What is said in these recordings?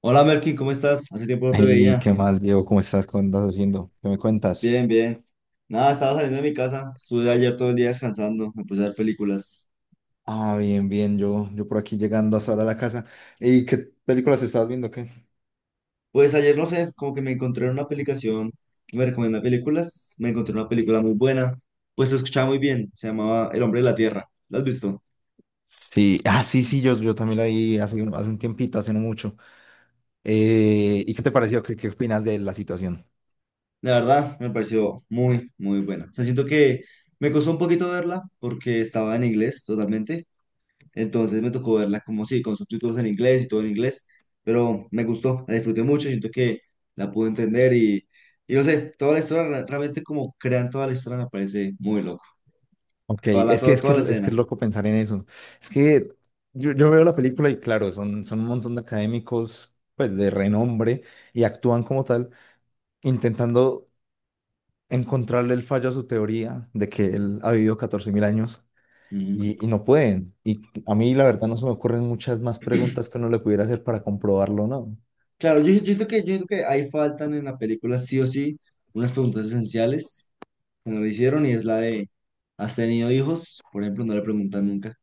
Hola Melkin, ¿cómo estás? Hace tiempo no te ¿Y veía. qué más, Diego? ¿Cómo estás? ¿Cómo andas haciendo? ¿Qué me cuentas? Bien, bien. Nada, estaba saliendo de mi casa. Estuve ayer todo el día descansando. Me puse a ver películas. Ah, bien, bien. Yo por aquí llegando hasta ahora a la casa. ¿Y qué películas estabas viendo? ¿Qué? Pues ayer no sé, como que me encontré en una aplicación que me recomienda películas. Me encontré una película muy buena. Pues se escuchaba muy bien. Se llamaba El Hombre de la Tierra. ¿La has visto? Sí, ah, sí, sí, yo también la vi hace un tiempito, hace no mucho. ¿Y qué te pareció? ¿Qué opinas de la situación? La verdad, me pareció muy, muy buena. O sea, siento que me costó un poquito verla porque estaba en inglés totalmente. Entonces me tocó verla como sí, con subtítulos en inglés y todo en inglés, pero me gustó, la disfruté mucho, siento que la pude entender y no sé, toda la historia, realmente como crean toda la historia me parece muy loco, Ok, es que, es que, toda la es que escena. es loco pensar en eso. Es que yo veo la película y claro, son un montón de académicos, pues de renombre, y actúan como tal, intentando encontrarle el fallo a su teoría de que él ha vivido 14.000 años Ujú. y no pueden. Y a mí la verdad no se me ocurren muchas más preguntas que uno le pudiera hacer para comprobarlo, ¿o no? Claro, yo siento que ahí faltan en la película sí o sí unas preguntas esenciales que no le hicieron y es la de, ¿has tenido hijos? Por ejemplo, no le preguntan nunca.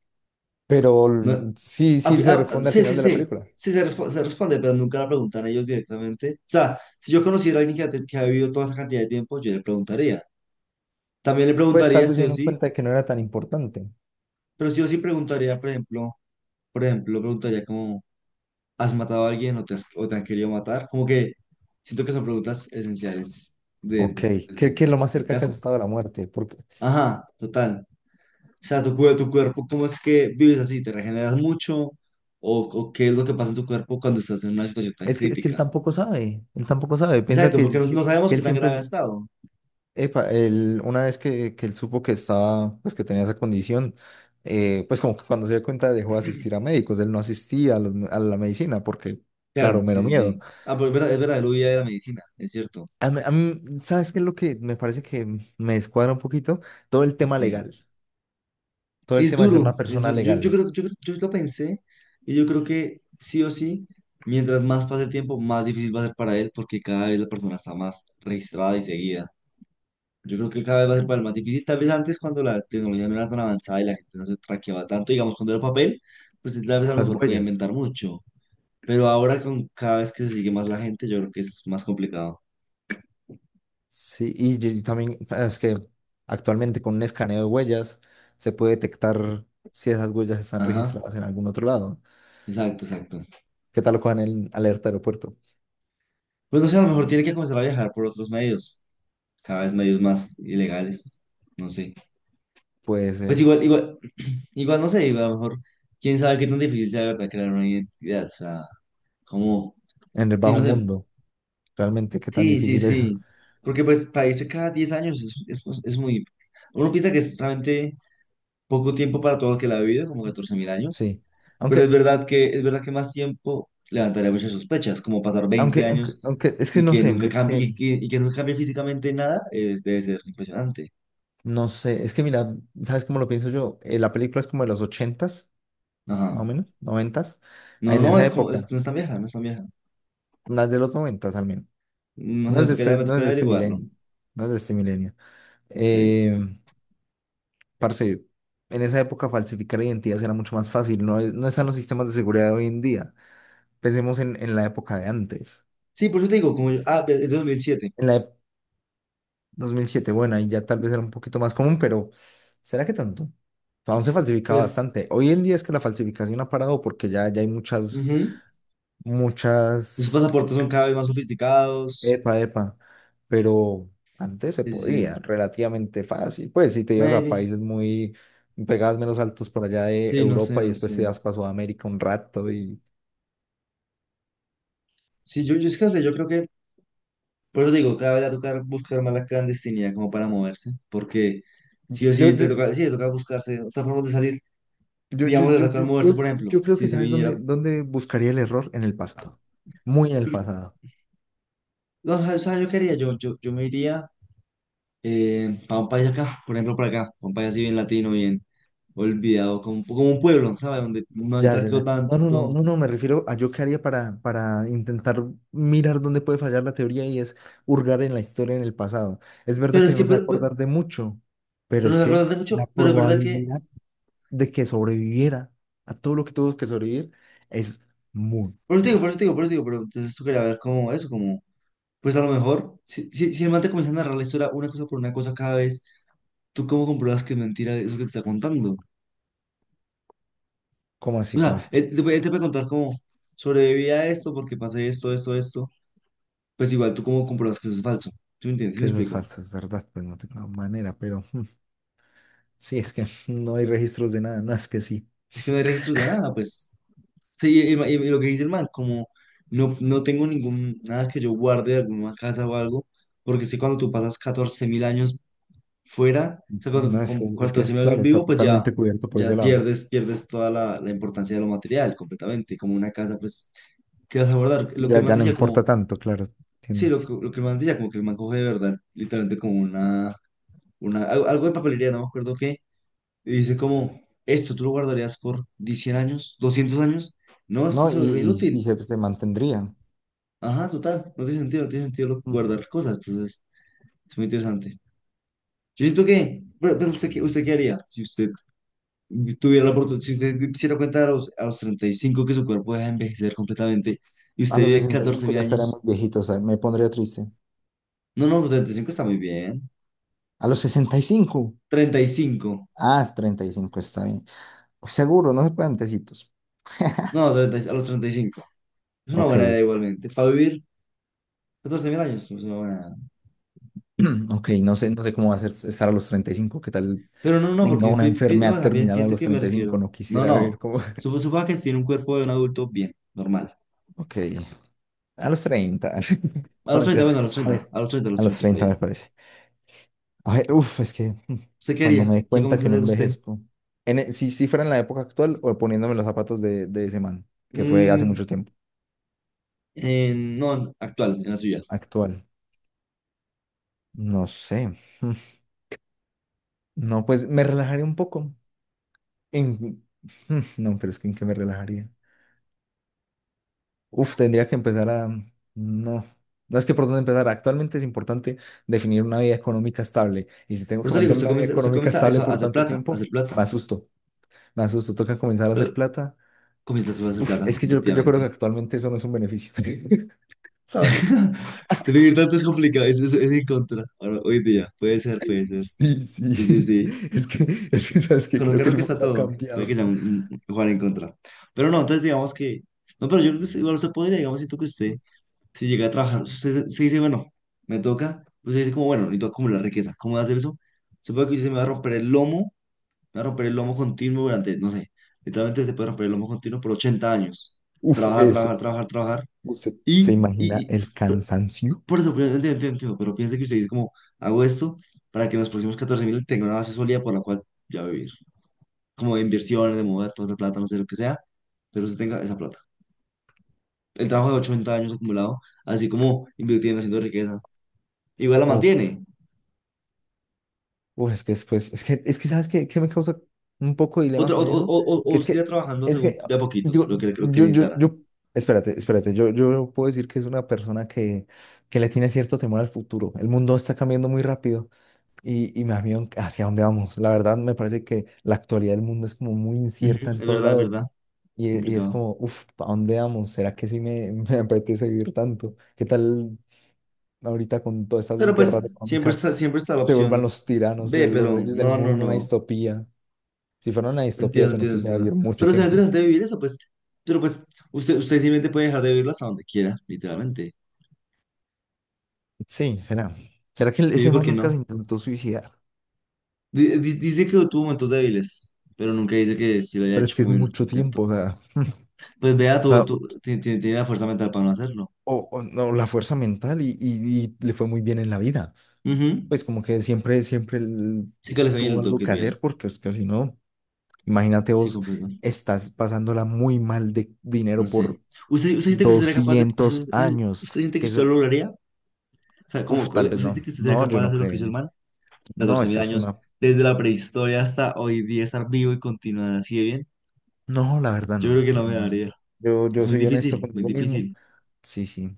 Pero No, sí, a sí fi- se responde al sí, final sí, de la sí. película. Sí, se responde, pero nunca la preguntan ellos directamente. O sea, si yo conociera a alguien que ha vivido toda esa cantidad de tiempo, yo le preguntaría. También le Pues preguntaría tal vez sí se o dieron sí, cuenta de que no era tan importante. pero sí o sí preguntaría, por ejemplo, preguntaría como, ¿has matado a alguien o o te han querido matar? Como que siento que son preguntas esenciales Ok, ¿qué es lo más del cerca que has caso. estado a la muerte? Porque Ajá, total. O sea, tu cuerpo, ¿cómo es que vives así? ¿Te regeneras mucho? ¿O qué es lo que pasa en tu cuerpo cuando estás en una situación tan es que él crítica? tampoco sabe, él tampoco sabe, piensa Exacto, que, porque él- no, que, no sabemos que qué él tan siempre grave ha es. estado. Epa, él, una vez que él supo que estaba, pues que tenía esa condición, pues como que cuando se dio cuenta dejó de asistir a médicos, él no asistía a la medicina porque, claro, Claro, sí, mero sí, miedo. sí. Ah, pero es verdad, el huía de la medicina, es cierto. A mí, ¿sabes qué es lo que me parece que me descuadra un poquito? Todo el tema Eh, legal, todo el Es tema de ser una duro, es persona duro. Yo legal, creo, yo lo pensé y yo creo que sí o sí, mientras más pase el tiempo, más difícil va a ser para él porque cada vez la persona está más registrada y seguida. Yo creo que cada vez va a ser para él más difícil. Tal vez antes cuando la tecnología no era tan avanzada y la gente no se traqueaba tanto, digamos, cuando era papel, pues él tal vez a lo las mejor podía huellas, inventar mucho. Pero ahora con cada vez que se sigue más la gente, yo creo que es más complicado. sí, y también es que actualmente con un escaneo de huellas se puede detectar si esas huellas están Ajá. registradas en algún otro lado. Exacto, exacto. ¿Qué tal lo cojan en alerta aeropuerto? Pues no sé, a lo mejor tiene que comenzar a viajar por otros medios, cada vez medios más ilegales, no sé. Puede Pues ser. Igual no sé, igual a lo mejor, quién sabe qué tan difícil sea de verdad crear una identidad, o sea, como, En el sí, bajo no sé, mundo, realmente, qué tan sí, sí, difícil es. sí. Porque pues para irse cada 10 años es muy, uno piensa que es realmente poco tiempo para todo lo que la ha vivido, como 14.000 años. Sí. Pero Aunque, es verdad que más tiempo levantaría muchas sospechas, como pasar 20 aunque, aunque, años aunque, es que y no que sé, nunca mira que, cambie, y que nunca cambie físicamente nada, es, debe ser impresionante. no sé, es que mira, ¿sabes cómo lo pienso yo? La película es como de los ochentas, más Ajá. o menos, noventas, No, no, en no, esa es como, época, no es tan vieja, no es tan vieja. las de los noventas al menos. No sé, me No es tocaría de este averiguarlo. milenio, no es de este milenio. Ok. Eh, Parce, en esa época falsificar identidades era mucho más fácil, no, no están los sistemas de seguridad de hoy en día. Pensemos en la época de antes. Sí, por eso te digo, como es 2007. En la, 2007, bueno, ahí ya tal vez era un poquito más común, pero ¿será que tanto? Aún se falsificaba Pues, bastante. Hoy en día es que la falsificación ha parado porque ya hay ujú. Los muchas, pasaportes son cada vez más sofisticados. epa, epa, pero antes se Sí, sí, podía sí. relativamente fácil. Pues si te ibas a Maybe. países muy, pegabas menos altos por allá de Sí, no sé, Europa y no después te sé. ibas para Sudamérica un rato y Sí, yo es que no sé, yo creo que por eso digo, cada vez va a tocar buscar más la clandestinidad como para moverse, porque sí o yo, yo, sí, te toca buscarse otra forma de salir, yo, yo, digamos, de yo, tocar yo, moverse, yo por ejemplo, yo creo que si se sabes dónde, viniera, dónde buscaría el error en el pasado, muy en el pasado. no, o sea, yo quería, yo me iría para un país acá, por ejemplo, para acá, pa' un país así bien latino, bien olvidado, como, como un pueblo, ¿sabes? Donde no hay Ya, ya, tráfico ya. No, no, no, tanto, no, no, me refiero a yo qué haría para, intentar mirar dónde puede fallar la teoría y es hurgar en la historia, en el pasado. Es verdad pero que es no que, se va a acordar de mucho, pero pero es nos acordamos que de mucho, la pero es verdad que, probabilidad de que sobreviviera a todo lo que tuvo que sobrevivir es muy baja. Por eso te digo, pero entonces tú quería ver como eso, como, pues a lo mejor, si, si, si el man te comienza a narrar la historia una cosa por una cosa cada vez. ¿Tú cómo compruebas que es mentira eso que te está contando? ¿Cómo O así? ¿Cómo sea, así? Puede él te puede contar como sobreviví a esto porque pasé esto, esto, esto. Pues igual, ¿tú cómo compruebas que eso es falso? ¿Sí me entiendes? ¿Sí Que me eso es explico? falso, es verdad, pues no tengo manera, pero mm, sí, es que no hay registros de nada, no es que sí, Es que no hay registros de nada, pues. Sí, y lo que dice el man, como no, no tengo ningún, nada que yo guarde de alguna casa o algo, porque sé cuando tú pasas 14.000 años fuera, o sea, no cuando es con que, es que catorce es mil años claro, está vivo, pues ya, totalmente cubierto por ese ya lado. pierdes, pierdes toda la importancia de lo material completamente, como una casa, pues, ¿qué vas a guardar? Lo que Ya, el man ya no decía. importa tanto, claro, Sí, entiendo. Lo que el man decía, como que el man coge de verdad, literalmente como una, algo de papelería, no me acuerdo qué, y dice como, esto tú lo guardarías por 100 años, 200 años, no, esto No, y, se vuelve y inútil, se mantendrían. ajá, total, no tiene sentido, no tiene sentido Mm. guardar cosas, entonces es muy interesante. Yo siento que, pero usted, ¿usted qué haría si usted tuviera la oportunidad, si usted se diera cuenta a los 35 que su cuerpo deja de envejecer completamente y A usted los vive catorce 65 mil ya estaría años? muy viejito, o sea, me pondría triste. No, no, los 35 está muy bien, A los 65. 35. Ah, es 35, está bien. Seguro, no se pueden tecitos. No, 30, a los 35. Es una Ok, buena idea igualmente. Para vivir 14 mil años es una buena edad. ok, no sé cómo va a ser estar a los 35. Qué tal Pero no, no, tenga porque una o enfermedad sea, terminal a piensa los que me 35, refiero. no No, quisiera ver no. cómo. Suponga que tiene un cuerpo de un adulto bien, normal. Ok, a los 30 A no, los treinta, mentiras. bueno, a los A treinta, ver, a los treinta, a los a los 30 está 30 me bien. parece. A ver, uf, es que ¿Usted qué cuando haría? me dé ¿Qué cuenta comienza a que no hacer usted? envejezco. Si, fuera en la época actual o poniéndome los zapatos de ese man, que fue hace Mm, mucho tiempo. No, actual, en la suya. Actual. No sé. No, pues me relajaría un poco. En, no, pero es que en qué me relajaría. Uf, tendría que empezar a... No. No, es que por dónde empezar. Actualmente es importante definir una vida económica estable. Y si tengo Por que eso le digo, mantener una vida usted económica comienza estable eso, a por hacer tanto plata, a hacer tiempo, plata. me asusto. Me asusto. Toca comenzar a Eh, hacer plata. Comienza a hacer Uf, plata, es que yo creo que efectivamente. actualmente eso no es un beneficio, ¿sabes? Vivir tanto es complicado, es en contra. Ahora, hoy día, puede ser, puede ser. Sí, Sí, sí, sí, sí. es que, ¿sabes que Con un creo que carro el que mundo está ha todo. Puede cambiado? que sea un, un jugar en contra. Pero no, entonces digamos que. No, pero yo creo que igual usted podría, digamos, siento que usted, si llega a trabajar, usted se dice, bueno, me toca. Usted dice, como, bueno, necesito acumular riqueza. ¿Cómo voy a hacer eso? Supongo que usted se me va a romper el lomo, me va a romper el lomo continuo durante, no sé, literalmente se puede romper el lomo continuo por 80 años. Uf, Trabajar, eso trabajar, es. trabajar, trabajar. ¿Usted se Y, imagina y, y el por cansancio? por eso, pero entiendo, entiendo, entiendo, pero piense que usted dice, como, hago esto para que en los próximos 14.000 tenga una base sólida por la cual ya vivir como de inversiones, de mover toda esa plata, no sé lo que sea, pero usted tenga esa plata. El trabajo de 80 años acumulado, así como invirtiendo, haciendo riqueza, igual la Uf, mantiene. uf, es que después, es que ¿sabes qué me causa un poco de Otra, dilema con eso? Que o es siga que, trabajando es según que, de a poquitos, yo, lo que yo, yo, necesitará. yo, espérate, espérate, yo puedo decir que es una persona que le tiene cierto temor al futuro. El mundo está cambiando muy rápido. Y más bien hacia dónde vamos. La verdad me parece que la actualidad del mundo es como muy Ujú. incierta Es en todo verdad, es lado verdad. Es y es complicado. como, uff, ¿a dónde vamos? ¿Será que sí me, me apetece vivir tanto? ¿Qué tal ahorita con todas esas Pero pues guerras económicas siempre está la se vuelvan opción los tiranos B, de los pero reyes del no, no, mundo una no. distopía? Si fuera una distopía Entiendo, yo no entiendo, quisiera entiendo. vivir mucho Pero será tiempo. interesante vivir eso, pues. Pero pues usted simplemente puede dejar de vivirlo hasta donde quiera, literalmente. Sí, será. ¿Será que Sí, ese ¿por man qué nunca se no? intentó suicidar? Dice que tuvo momentos débiles, pero nunca dice que si lo haya Pero es hecho que es como el mucho tiempo, intento. Pues vea, o, sea, tuvo, tu- o- ti- ti- tiene la fuerza mental para no hacerlo. O no, la fuerza mental y le fue muy bien en la vida. Ujú. Pues como que siempre, siempre él Sí que le fue bien, tuvo le tuvo algo que ir que bien. hacer, porque es que si no, imagínate Sí, vos, completo. estás pasándola muy mal de No dinero sé. por ¿Usted siente que usted sería capaz de... Usted, 200 usted- años, usted siente que que usted eso, lo lograría? O sea, como, uff, tal ¿usted vez siente no, que usted sería no, yo capaz de no hacer lo que hizo el creo, man? no, catorce mil eso es años, una, desde la prehistoria hasta hoy día, estar vivo y continuar así de bien. no, la verdad Yo creo no, que no me no, no, daría. yo, Es yo muy soy honesto difícil, muy conmigo mismo, difícil. sí, sí,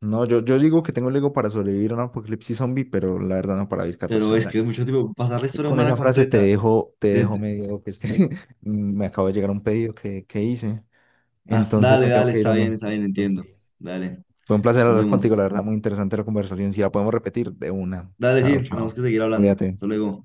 no, yo digo que tengo el ego para sobrevivir a un apocalipsis zombie, pero la verdad no para vivir Pero catorce es mil que es años. mucho tiempo. Pasar la Y historia con humana esa frase te completa. dejo, te dejo medio, que es que me acabo de llegar un pedido que hice, Ah, entonces dale, me tengo dale, que ir, hombre. está bien, Pues entiendo. sí. Dale, Fue un placer nos hablar contigo, la vemos. verdad, muy interesante la conversación. Si la podemos repetir, de una. Dale, Chao, sí, tenemos chao. que seguir hablando. Cuídate. Hasta luego.